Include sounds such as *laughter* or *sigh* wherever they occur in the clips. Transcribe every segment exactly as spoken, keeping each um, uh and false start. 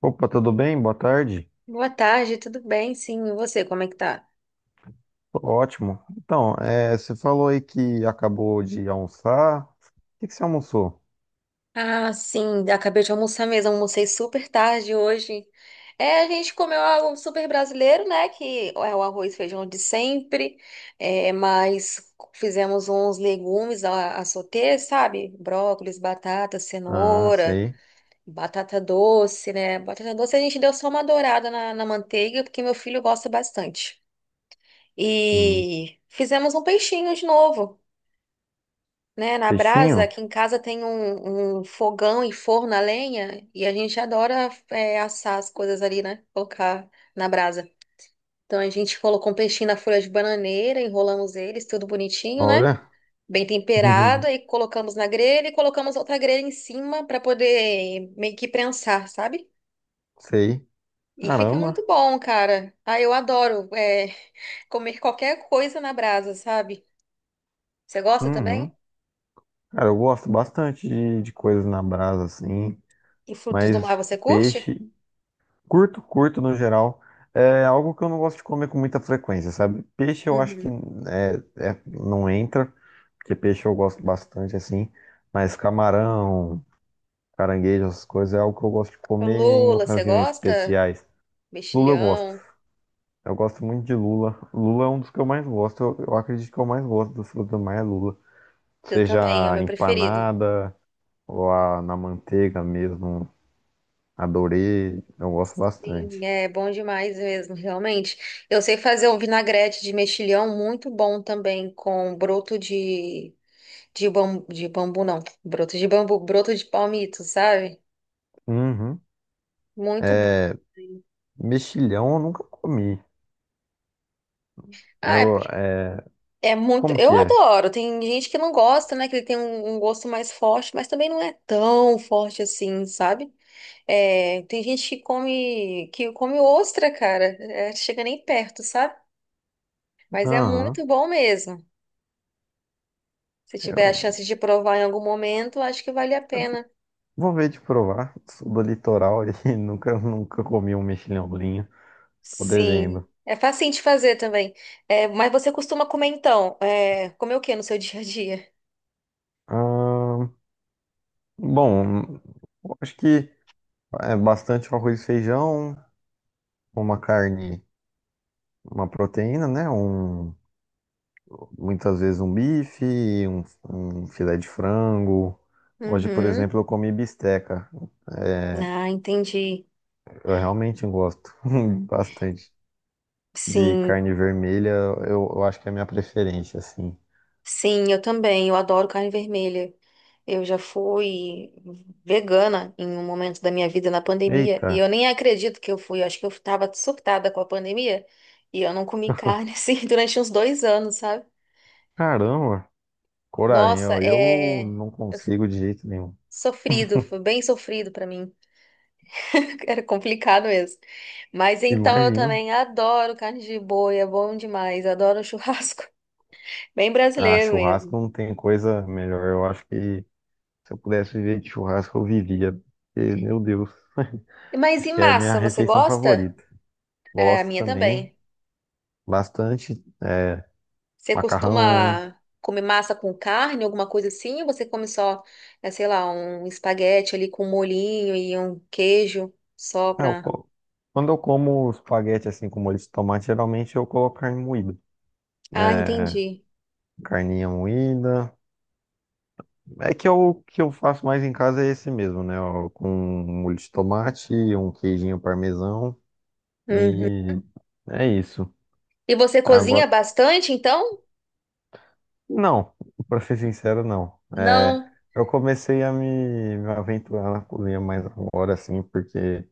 Opa, tudo bem? Boa tarde. Boa tarde, tudo bem? Sim, e você, como é que tá? Tô ótimo. Então, é, você falou aí que acabou de almoçar. O que que você almoçou? Ah, sim, acabei de almoçar mesmo, almocei super tarde hoje. É, a gente comeu algo super brasileiro, né? Que é o arroz e feijão de sempre, é, mas fizemos uns legumes a, a sauter, sabe? Brócolis, batata, Ah, cenoura, sei. batata doce, né? Batata doce a gente deu só uma dourada na, na manteiga, porque meu filho gosta bastante. Hum. E fizemos um peixinho de novo. Né, na brasa, Peixinho? aqui em casa tem um, um fogão e forno a lenha, e a gente adora é, assar as coisas ali, né? Colocar na brasa. Então a gente colocou um peixinho na folha de bananeira, enrolamos eles, tudo bonitinho, né? Olha. Bem *laughs* temperado, aí colocamos na grelha e colocamos outra grelha em cima para poder meio que prensar, sabe? Sei. E fica muito Caramba. bom, cara. Ah, eu adoro é, *laughs* comer qualquer coisa na brasa, sabe? Você gosta Uhum. também? Cara, eu gosto bastante de, de coisas na brasa, assim. E frutos do mar Mas você curte? peixe. Curto, curto no geral. É algo que eu não gosto de comer com muita frequência, sabe? Peixe eu acho que Uhum. é, é- não entra, porque peixe eu gosto bastante assim, mas camarão, caranguejo, essas coisas é algo que eu gosto de O comer em lula, você ocasiões gosta? especiais. Lula eu gosto. Mexilhão. Eu gosto muito de lula. Lula é um dos que eu mais gosto. Eu, eu acredito que eu mais gosto do fruto do mar é lula. Eu também, é o Seja meu preferido. empanada ou a- na manteiga mesmo. Adorei. Eu gosto Sim, bastante. é bom demais mesmo, realmente. Eu sei fazer um vinagrete de mexilhão muito bom também, com broto de, de bambu, de bambu não, broto de bambu, broto de palmito, sabe? Uhum. Muito bom. Mexilhão eu nunca comi. Né? Ah, é, Eu, é, é muito. como que Eu é? adoro. Tem gente que não gosta, né? Que ele tem um, um gosto mais forte, mas também não é tão forte assim, sabe? É, tem gente que come, que come ostra, cara. É, chega nem perto, sabe? Mas é Aham. muito bom mesmo. Se tiver a Eu, chance de provar em algum momento, acho que vale a eu pena. vou ver de provar. Sou do litoral e *laughs* nunca, nunca comi um mexilhãozinho. Tô devendo. Sim, é facinho de fazer também. É, mas você costuma comer então? É, comer o que no seu *laughs* dia a dia? Ah, bom, eu acho que é bastante arroz e feijão, uma carne, uma proteína, né? Um, muitas vezes um bife, um, um filé de frango. Hoje, por Uhum. exemplo, eu comi bisteca. É, Ah, entendi. eu realmente gosto *laughs* bastante de Sim, carne vermelha. Eu, eu acho que é a minha preferência, assim. sim, eu também. Eu adoro carne vermelha. Eu já fui vegana em um momento da minha vida na pandemia e Eita, eu nem acredito que eu fui. Eu acho que eu estava surtada com a pandemia e eu não comi carne *laughs* assim durante uns dois anos, sabe? caramba, coragem, Nossa, ó, eu é não eu- consigo de jeito nenhum. sofrido, foi bem sofrido pra mim. *laughs* Era complicado mesmo. Mas então eu Imagino, também adoro carne de boi, é bom demais. Adoro um churrasco, *laughs* bem ah, brasileiro churrasco mesmo. não tem coisa melhor. Eu acho que se eu pudesse viver de churrasco, eu vivia. Porque, meu Deus, *laughs* Mas acho e que é a minha massa, você refeição gosta? favorita. É, a Gosto minha também também. bastante, é, Você macarrão. costuma comer massa com carne, alguma coisa assim? Ou você come só, é, sei lá, um espaguete ali com molhinho e um queijo só Ah, eu pra. co- quando eu como espaguete assim com molho de tomate, geralmente eu coloco carne moída. Ah, É, entendi. carninha moída. É que eu, o que eu faço mais em casa é esse mesmo, né? Ó, com um molho de tomate, um queijinho parmesão Uhum. e é isso. E você cozinha Agora, bastante, então? não, pra ser sincero, não. É, Não. eu comecei a me, me aventurar na cozinha mais agora, assim, porque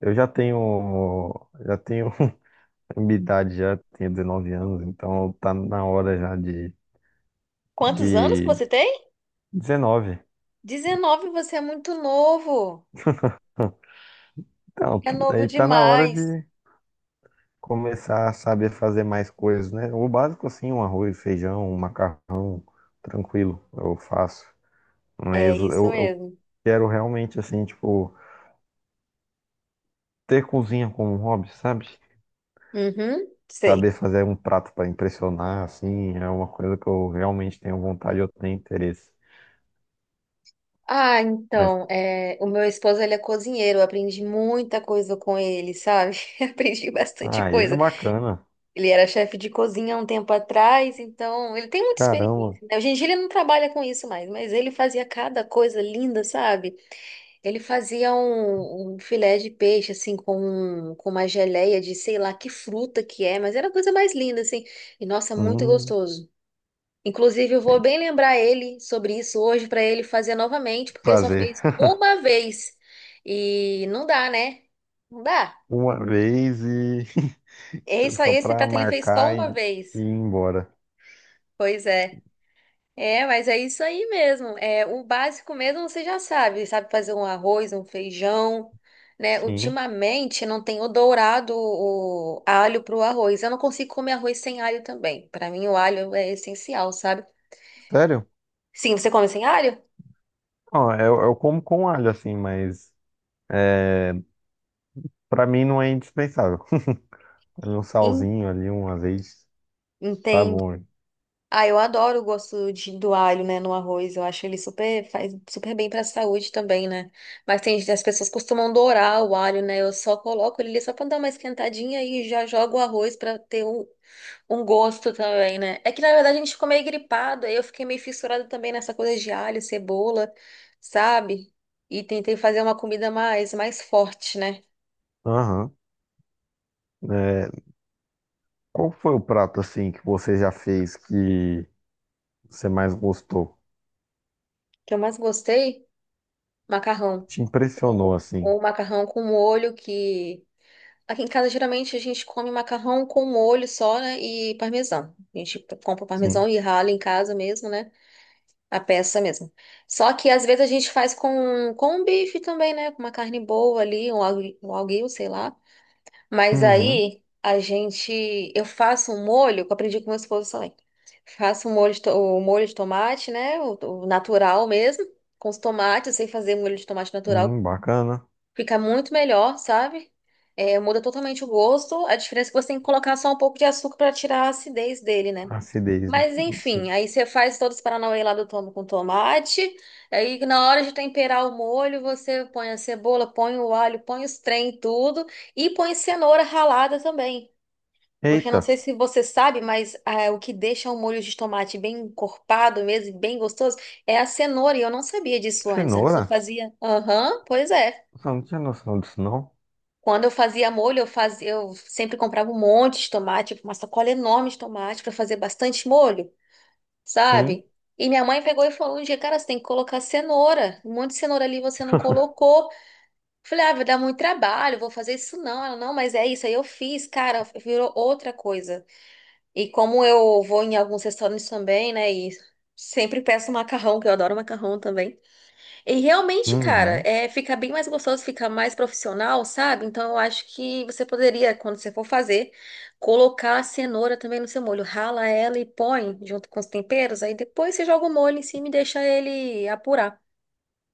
eu já tenho, já tenho *laughs* minha idade, já tenho dezenove anos, então tá na hora já de, Quantos anos que de você tem? dezenove. dezenove, você é muito novo. Então, É novo aí tá na hora de demais. começar a saber fazer mais coisas, né? O básico, assim, um arroz, feijão, um macarrão, tranquilo, eu faço. É Mas eu, isso eu mesmo. quero realmente, assim, tipo, ter cozinha como um hobby, sabe? Uhum, Saber sei. fazer um prato para impressionar, assim, é uma coisa que eu realmente tenho vontade, eu tenho interesse. Ah, Mas, então, é, o meu esposo, ele é cozinheiro, eu aprendi muita coisa com ele, sabe? *laughs* Aprendi bastante aí é coisa. bacana, Ele era chefe de cozinha há um tempo atrás, então ele tem muita caramba, experiência, né? Hoje em dia ele não trabalha com isso mais, mas ele fazia cada coisa linda, sabe? Ele fazia um, um filé de peixe, assim, com, um- com uma geleia de sei lá que fruta que é, mas era a coisa mais linda, assim. E nossa, muito hum, gostoso. Inclusive, eu vou tem bem lembrar ele sobre isso hoje para ele fazer novamente, que porque ele só fazer fez uma vez. E não dá, né? Não dá. *laughs* uma vez e *laughs* Esse, só esse pra prato ele fez só marcar e, uma vez. e ir embora. Pois é. É, mas é isso aí mesmo. É, o básico mesmo você já sabe, sabe fazer um arroz, um feijão, né? Sim, Ultimamente não tenho dourado o alho pro arroz. Eu não consigo comer arroz sem alho também. Para mim o alho é essencial, sabe? sério? Sim, você come sem alho? Ó, eu, eu como com alho, assim, mas pra mim não é indispensável. *laughs* Um En- salzinho ali, um azeite, tá Entende? bom. Ah, eu adoro o gosto de, do alho, né, no arroz. Eu acho ele super faz super bem para a saúde também, né? Mas tem as pessoas costumam dourar o alho, né? Eu só coloco ele ali só para dar uma esquentadinha e já jogo o arroz para ter um um gosto também, né? É que na verdade a gente ficou meio gripado, aí eu fiquei meio fissurada também nessa coisa de alho, cebola, sabe? E tentei fazer uma comida mais, mais forte, né? O Aham. É, qual foi o prato, assim, que você já fez que você mais gostou? que eu mais gostei, macarrão. Te impressionou, Ou, assim? ou macarrão com molho, que aqui em casa geralmente a gente come macarrão com molho só, né? E parmesão. A gente compra o Sim. parmesão e rala em casa mesmo, né? A peça mesmo. Só que às vezes a gente faz com, com um bife também, né? Com uma carne boa ali, um algu- um alguinho, sei lá. Mas Uhum. aí a gente, eu faço um molho, que eu aprendi com meu esposo também. Faço um molho de to- o molho de tomate, né? O, o natural mesmo, com os tomates. Eu sei fazer molho de tomate natural, Hum, bacana. fica muito melhor, sabe? É, muda totalmente o gosto. A diferença é que você tem que colocar só um pouco de açúcar para tirar a acidez dele, né? Acidez, né? Mas enfim, Sim. aí você faz todos os paranauê lá do tom- com tomate. Aí na hora de temperar o molho, você põe a cebola, põe o alho, põe os trem, tudo. E põe cenoura ralada também. Porque Eita, não sei se você sabe, mas ah, o que deixa o molho de tomate bem encorpado mesmo, e bem gostoso, é a cenoura. E eu não sabia disso antes. Antes eu cenoura? fazia. Aham, pois é. Eu não tinha noção disso, não? Quando eu fazia molho, eu fazia, eu sempre comprava um monte de tomate, tipo, uma sacola enorme de tomate para fazer bastante molho. Sim. Sabe? E minha mãe pegou e falou um dia, cara, você tem que colocar cenoura. Um monte de cenoura ali você não colocou. Falei, ah, vai dar muito trabalho, vou fazer isso não. Ela, não, mas é isso, aí eu fiz, cara, virou outra coisa. E como eu vou em alguns restaurantes também, né, e sempre peço macarrão, que eu adoro macarrão também. E realmente, cara, Uhum. é, fica bem mais gostoso, fica mais profissional, sabe? Então eu acho que você poderia, quando você for fazer, colocar a cenoura também no seu molho. Rala ela e põe junto com os temperos, aí depois você joga o molho em cima e deixa ele apurar.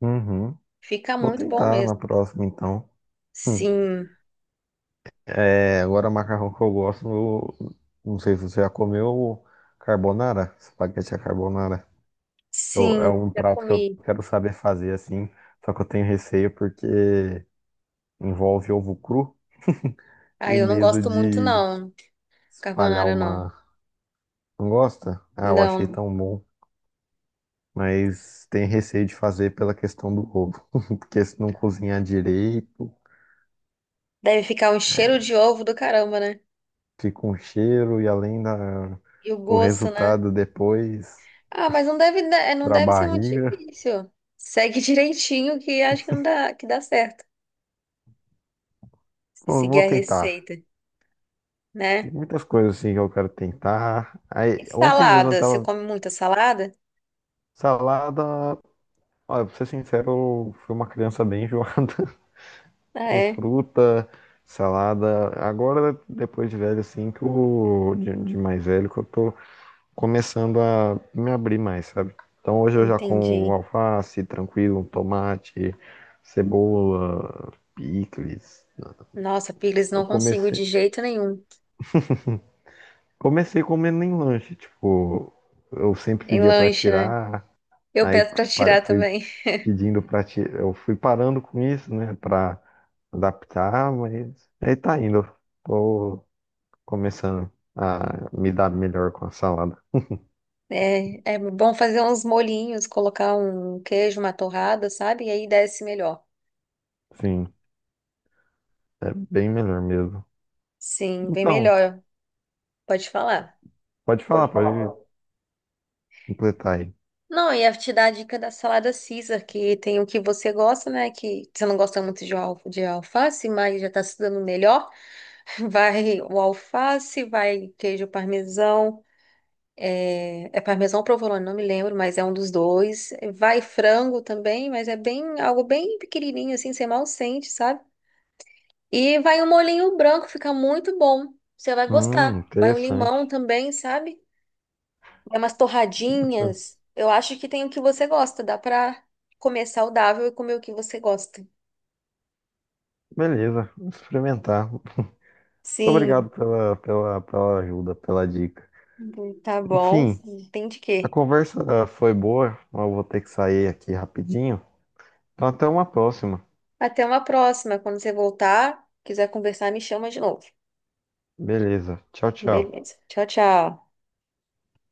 Uhum. Fica Vou muito bom tentar na mesmo. próxima, então. Hum. Sim, É, agora macarrão que eu gosto, eu não sei se você já comeu carbonara, espaguete à carbonara. Eu- é sim, um já prato que eu comi. quero saber fazer assim, só que eu tenho receio porque envolve ovo cru Ah, e eu não medo gosto muito, de não. espalhar Carbonara, não. uma gosta. Ah, eu achei Não. tão bom, mas tenho receio de fazer pela questão do ovo, *laughs* porque se não cozinhar direito, Deve ficar um cheiro de ovo do caramba, né? fica um cheiro e além da, E o do gosto, né? resultado depois Ah, mas não deve, da- é, não para a deve ser muito barriga. difícil. Segue *laughs* direitinho que acho que não dá, que dá certo. Se Pô, eu seguir vou a tentar. receita, Tem né? muitas coisas assim que eu quero tentar. E Aí, ontem mesmo eu salada, você tava come muita salada? salada. Olha, pra ser sincero, eu fui uma criança bem enjoada *laughs* Ah, com é? fruta, salada. Agora, depois de velho, assim, que eu, de, de mais velho, que eu tô começando a me abrir mais, sabe? Então hoje eu já como Entendi. alface, tranquilo, tomate, cebola, picles. Nossa, pires, Eu não consigo de comecei jeito nenhum. Comecei comendo em lanche, tipo, eu sempre Em pedia pra lanche, né? tirar, Eu aí peço pra pa- tirar fui também. *laughs* pedindo pra tirar, eu fui parando com isso, né, pra adaptar, mas aí tá indo. Tô começando a me dar melhor com a salada. É, é bom fazer uns molhinhos, colocar um queijo, uma torrada, sabe? E aí desce melhor. Sim, é bem melhor mesmo. Sim, bem Então, melhor. Pode falar. pode falar, pode completar aí. Não, e ia te dar a dica da salada Caesar, que tem o que você gosta, né? Que você não gosta muito de, al- de alface, mas já tá se dando melhor. *laughs* Vai o alface, vai queijo parmesão. É, é parmesão ou provolone, não me lembro, mas é um dos dois. Vai frango também, mas é bem algo bem pequenininho, assim, você mal sente, sabe? E vai um molhinho branco, fica muito bom. Você vai Hum, gostar. Vai um limão interessante. também, sabe? É umas torradinhas. Eu acho que tem o que você gosta. Dá pra comer saudável e comer o que você gosta. Beleza, vou experimentar. Muito Sim, obrigado pela, pela, pela ajuda, pela dica. tá bom. Enfim. Tem de A quê? conversa, ah, foi boa, mas eu vou ter que sair aqui rapidinho. Então, até uma próxima. Até uma próxima. Quando você voltar, quiser conversar, me chama de novo. Beleza. Tchau, tchau. Beleza. Tchau, tchau.